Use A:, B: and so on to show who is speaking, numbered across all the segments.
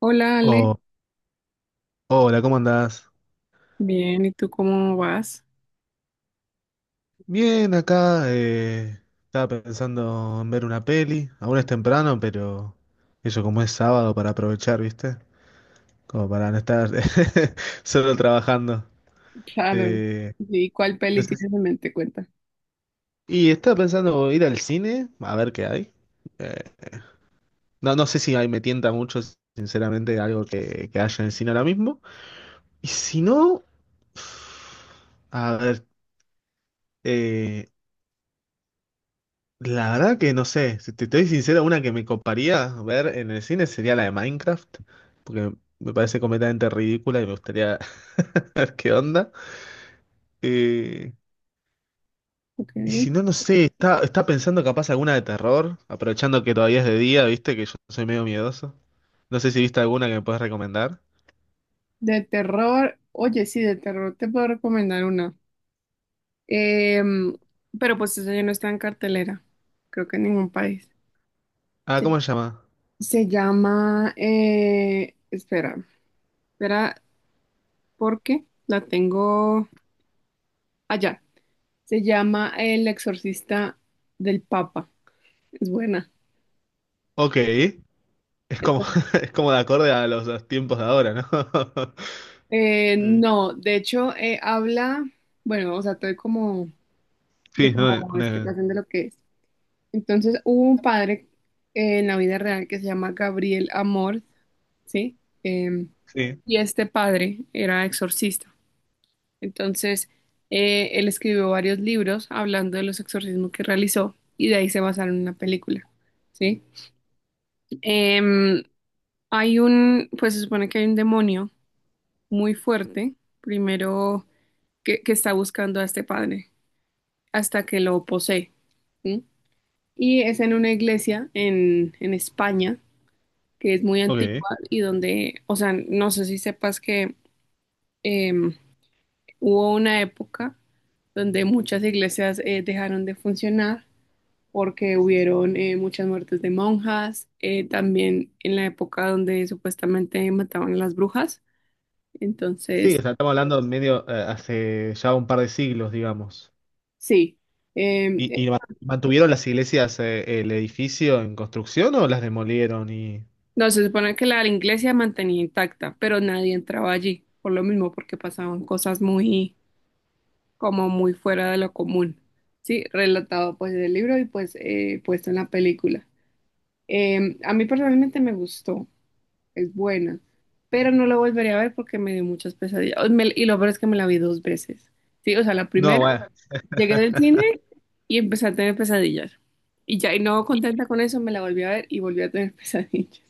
A: Hola Ale,
B: Oh, hola, ¿cómo andás?
A: bien, ¿y tú cómo vas?
B: Bien, acá estaba pensando en ver una peli. Aún es temprano, pero eso como es sábado para aprovechar, ¿viste? Como para no estar solo trabajando.
A: Claro.
B: Eh,
A: ¿Y cuál
B: no
A: peli
B: sé si-
A: tienes en mente? Cuenta.
B: estaba pensando ir al cine a ver qué hay. Eh, no, no sé si ahí me tienta mucho, sinceramente, algo que haya en el cine ahora mismo. Y si no, a ver. eh, La verdad que no sé, si te estoy sincero, una que me coparía ver en el cine sería la de Minecraft, porque me parece completamente ridícula y me gustaría ver qué onda. Eh,
A: Ok.
B: y si no, no sé, está pensando capaz alguna de terror, aprovechando que todavía es de día, viste, que yo soy medio miedoso. No sé si viste alguna que me puedes recomendar.
A: De terror, oye, sí, de terror te puedo recomendar una. Em, pero pues esa ya no está en cartelera, creo que en ningún país.
B: Ah,
A: Sí.
B: ¿cómo se llama?
A: Se llama, espera, espera, porque la tengo allá. Se llama El Exorcista del Papa. Es buena.
B: Ok, es como, es como de acorde a los tiempos de ahora, ¿no? Eh,
A: No, de hecho, habla, bueno, o sea, todo como de
B: Sí, no,
A: como
B: una...
A: explicación de lo que es. Entonces, hubo un padre en la vida real que se llama Gabriel Amor, ¿sí? Em,
B: Sí,
A: y este padre era exorcista. Entonces, él escribió varios libros hablando de los exorcismos que realizó y de ahí se basaron en la película, ¿sí? Em, Hay un, pues se supone que hay un demonio muy fuerte. Primero. Que está buscando a este padre hasta que lo posee. ¿Sí? Y es en una iglesia en España que es muy
B: ok.
A: antigua y donde, o sea, no sé si sepas que eh, hubo una época donde muchas iglesias dejaron de funcionar porque hubieron muchas muertes de monjas, también en la época donde supuestamente mataban a las brujas.
B: Sí, o
A: Entonces,
B: sea, estamos hablando medio hace ya un par de siglos, digamos.
A: sí, eh,
B: ¿Y, mantuvieron las iglesias, el edificio en construcción o las demolieron y...
A: no, se supone que la iglesia mantenía intacta, pero nadie entraba allí, por lo mismo, porque pasaban cosas muy, como muy fuera de lo común. Sí, relatado pues del libro y pues puesto en la película. A mí personalmente me gustó, es buena, pero no la volvería a ver porque me dio muchas pesadillas. Y lo peor es que me la vi dos veces. Sí, o sea, la
B: No,
A: primera,
B: bueno.
A: llegué del cine y empecé a tener pesadillas. Y ya, y no contenta con eso, me la volví a ver y volví a tener pesadillas.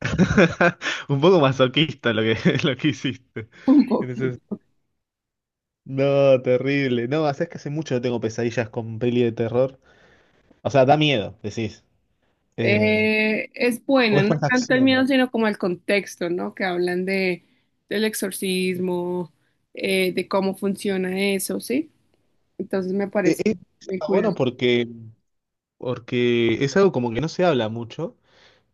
B: Un poco masoquista lo que, lo que hiciste.
A: Un poco.
B: En ese- No, terrible. No, es que hace mucho no tengo pesadillas con peli de terror. O sea, da miedo, decís. Eh,
A: Es
B: o
A: buena,
B: es
A: no
B: más
A: tanto el miedo,
B: acción.
A: sino como el contexto, ¿no? Que hablan de del exorcismo, de cómo funciona eso, ¿sí? Entonces me parece muy
B: Está bueno
A: curioso.
B: porque, porque es algo como que no se habla mucho.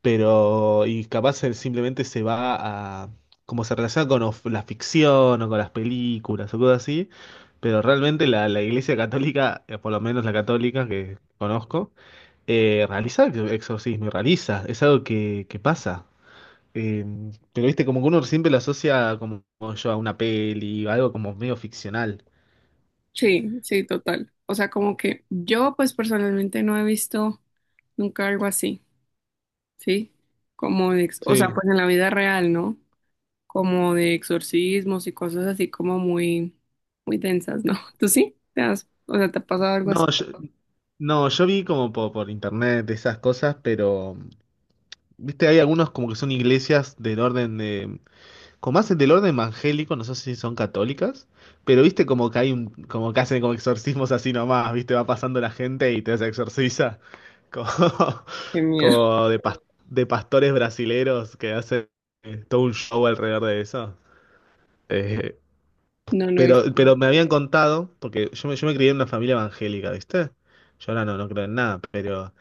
B: Pero y capaz él simplemente se va a, como se relaciona con la ficción o con las películas o cosas así, pero realmente la Iglesia Católica, por lo menos la católica que conozco, realiza exorcismo y realiza, es algo que pasa. Eh, pero viste, como que uno siempre lo asocia como, como yo a una peli, algo como medio ficcional.
A: Sí, sí, total. O sea, como que yo, pues personalmente no he visto nunca algo así, ¿sí? Como de, o sea,
B: Sí.
A: pues en la vida real, ¿no? Como de exorcismos y cosas así como muy, muy densas, ¿no? ¿Tú sí? ¿Te has, o sea, te ha pasado algo así?
B: No, yo, no, yo vi como por, internet esas cosas, pero, viste, hay algunos como que son iglesias del orden de como hacen del orden evangélico, no sé si son católicas, pero viste como que hay un, como que hacen como exorcismos así nomás, viste, va pasando la gente y te se exorciza, como,
A: Qué miedo.
B: como de, pas- de pastores brasileros que hacen todo un show alrededor de eso. Eh,
A: No, no he
B: pero,
A: visto.
B: pero me habían contado, porque yo me crié en una familia evangélica, ¿viste? Yo ahora no, no creo en nada, pero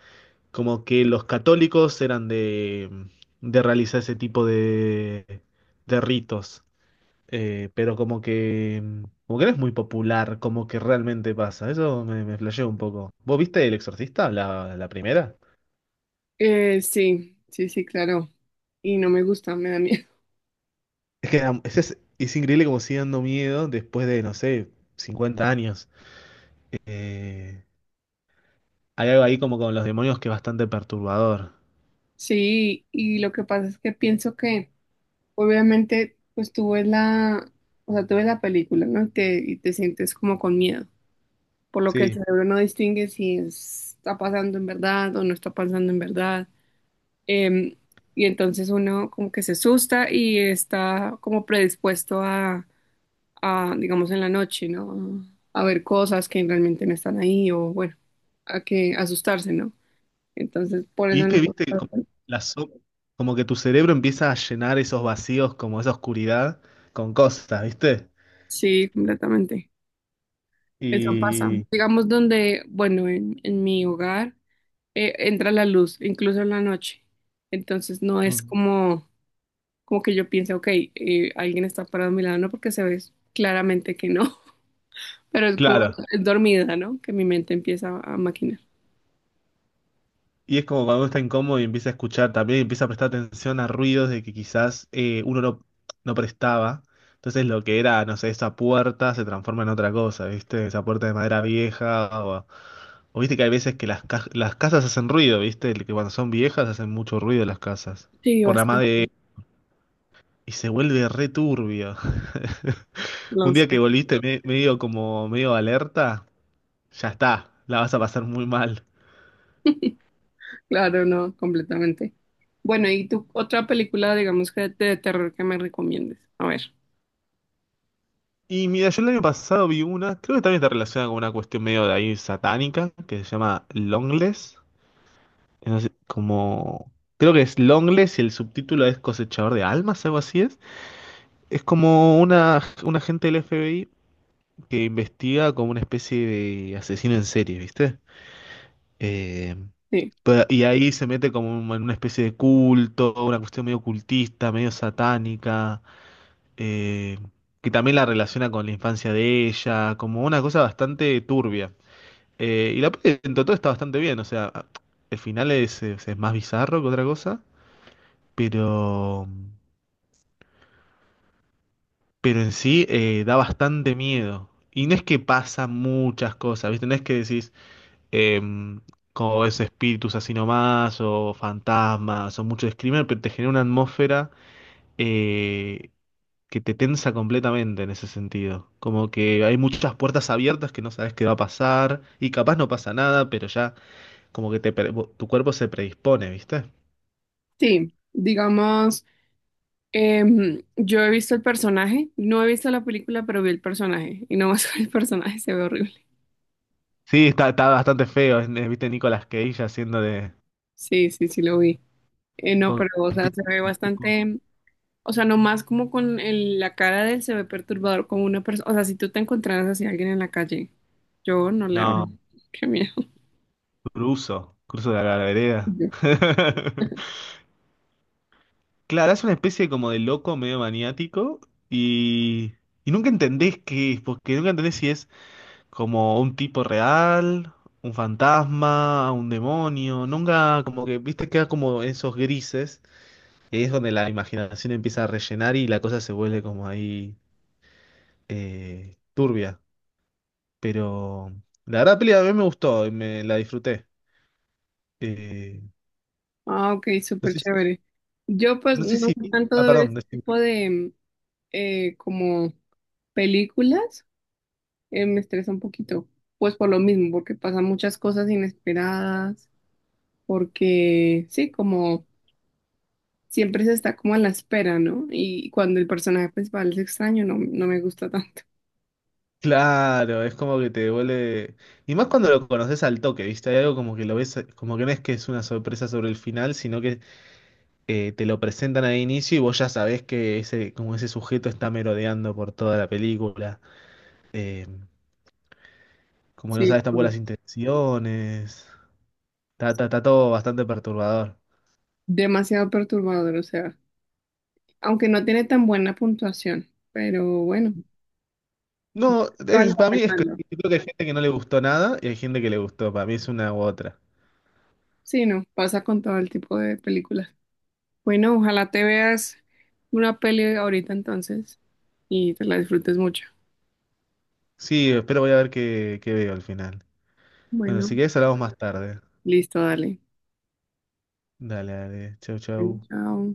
B: como que los católicos eran de realizar ese tipo de ritos pero como que no es muy popular, como que realmente pasa. Me flasheó un poco. ¿Vos viste El Exorcista, la primera?
A: Sí, sí, sí, claro. Y no me gusta, me da miedo.
B: Es que es increíble como sigue dando miedo después de, no sé, 50 años. Eh, Hay algo ahí como con los demonios que es bastante perturbador.
A: Sí, y lo que pasa es que pienso que obviamente pues tú ves la, o sea, tú ves la película, ¿no? Y te sientes como con miedo, por lo que el
B: Sí.
A: cerebro no distingue si está pasando en verdad o no está pasando en verdad. Em, y entonces uno como que se asusta y está como predispuesto a, digamos, en la noche, ¿no? A ver cosas que realmente no están ahí o bueno, a que asustarse, ¿no? Entonces, por
B: Y
A: eso
B: es que,
A: no.
B: viste, como, la so- como que tu cerebro empieza a llenar esos vacíos, como esa oscuridad, con cosas, ¿viste?
A: Sí, completamente. Eso pasa.
B: Y...
A: Digamos donde, bueno, en mi hogar entra la luz, incluso en la noche. Entonces no es
B: Mm.
A: como, como que yo piense, ok, alguien está parado a mi lado, no porque se ve claramente que no, pero es como
B: Claro.
A: es dormida, ¿no? Que mi mente empieza a maquinar.
B: Y es como cuando uno está incómodo y empieza a escuchar también, empieza a prestar atención a ruidos de que quizás uno no, no prestaba. Entonces lo que era, no sé, esa puerta se transforma en otra cosa, ¿viste? Esa puerta de madera vieja. O viste que hay veces que las casas hacen ruido, ¿viste? Que cuando son viejas hacen mucho ruido las casas.
A: Sí,
B: Por la madera.
A: bastante.
B: Y se vuelve re turbio.
A: Lo
B: Un día
A: sé.
B: que volviste medio como medio alerta, ya está, la vas a pasar muy mal.
A: Claro, no, completamente. Bueno, ¿y tú otra película, digamos que de terror que me recomiendes? A ver.
B: Y mira, yo el año pasado vi una, creo que también está relacionada con una cuestión medio de ahí satánica, que se llama Longless. No sé, como, creo que es Longless y el subtítulo es Cosechador de Almas, algo así es. Es como una, un agente del FBI que investiga como una especie de asesino en serie, ¿viste? Eh,
A: Sí.
B: y ahí se mete como en una especie de culto, una cuestión medio cultista, medio satánica. eh, que también la relaciona con la infancia de ella, como una cosa bastante turbia. Y la peli en todo está bastante bien, o sea, el final es más bizarro que otra cosa, pero, pero en sí da bastante miedo. Y no es que pasa muchas cosas, ¿viste? No es que decís, em, como es espíritus así nomás, o fantasmas, o mucho screamer, pero te genera una atmósfera eh, que te tensa completamente en ese sentido. Como que hay muchas puertas abiertas que no sabes qué va a pasar y capaz no pasa nada, pero ya como que te, tu cuerpo se predispone, ¿viste?
A: Sí, digamos, yo he visto el personaje, no he visto la película, pero vi el personaje y no más con el personaje se ve horrible.
B: Sí, está, está bastante feo, ¿viste? Nicolas Cage haciendo de...
A: Sí, sí, sí lo vi. No,
B: oh,
A: pero o sea, se ve bastante, o sea, nomás como con la cara de él se ve perturbador como una persona, o sea, si tú te encontraras así a alguien en la calle, yo no le hablo.
B: No,
A: Qué miedo.
B: cruzo, cruzo de la vereda.
A: Yo.
B: Claro, es una especie como de loco medio maniático y, y nunca entendés qué es, porque nunca entendés si es... Como un tipo real, un fantasma, un demonio. Nunca, como que, viste, queda como esos grises. Y ahí es donde la imaginación empieza a rellenar y la cosa se vuelve como ahí turbia. Pero la verdad, la peli a mí me gustó y me la disfruté. Eh,
A: Ah, ok,
B: no
A: súper
B: sé,
A: chévere. Yo pues
B: no sé
A: no
B: si.
A: sé tanto
B: Ah,
A: de ver
B: perdón.
A: este
B: Decime.
A: tipo de como películas, me estresa un poquito, pues por lo mismo, porque pasan muchas cosas inesperadas, porque sí, como siempre se está como a la espera, ¿no? Y cuando el personaje principal es extraño, no, no me gusta tanto.
B: Claro, es como que te devuelve. Y más cuando lo conoces al toque, ¿viste? Hay algo como que lo ves, como que no es que es una sorpresa sobre el final, sino que te lo presentan al inicio y vos ya sabés que ese, como ese sujeto está merodeando por toda la película. Eh, Como no
A: Sí,
B: sabes tampoco las intenciones. Está todo bastante perturbador.
A: demasiado perturbador, o sea, aunque no tiene tan buena puntuación, pero bueno,
B: No,
A: vale la
B: para mí
A: pena
B: es que
A: verlo.
B: yo creo que hay gente que no le gustó nada y hay gente que le gustó. Para mí es una u otra.
A: Sí, no, pasa con todo el tipo de películas. Bueno, ojalá te veas una peli ahorita entonces y te la disfrutes mucho.
B: Sí, espero voy a ver qué, qué veo al final. Bueno, si
A: Bueno,
B: querés hablamos más tarde.
A: listo, dale.
B: Dale, dale. Chau, chau.
A: Chao.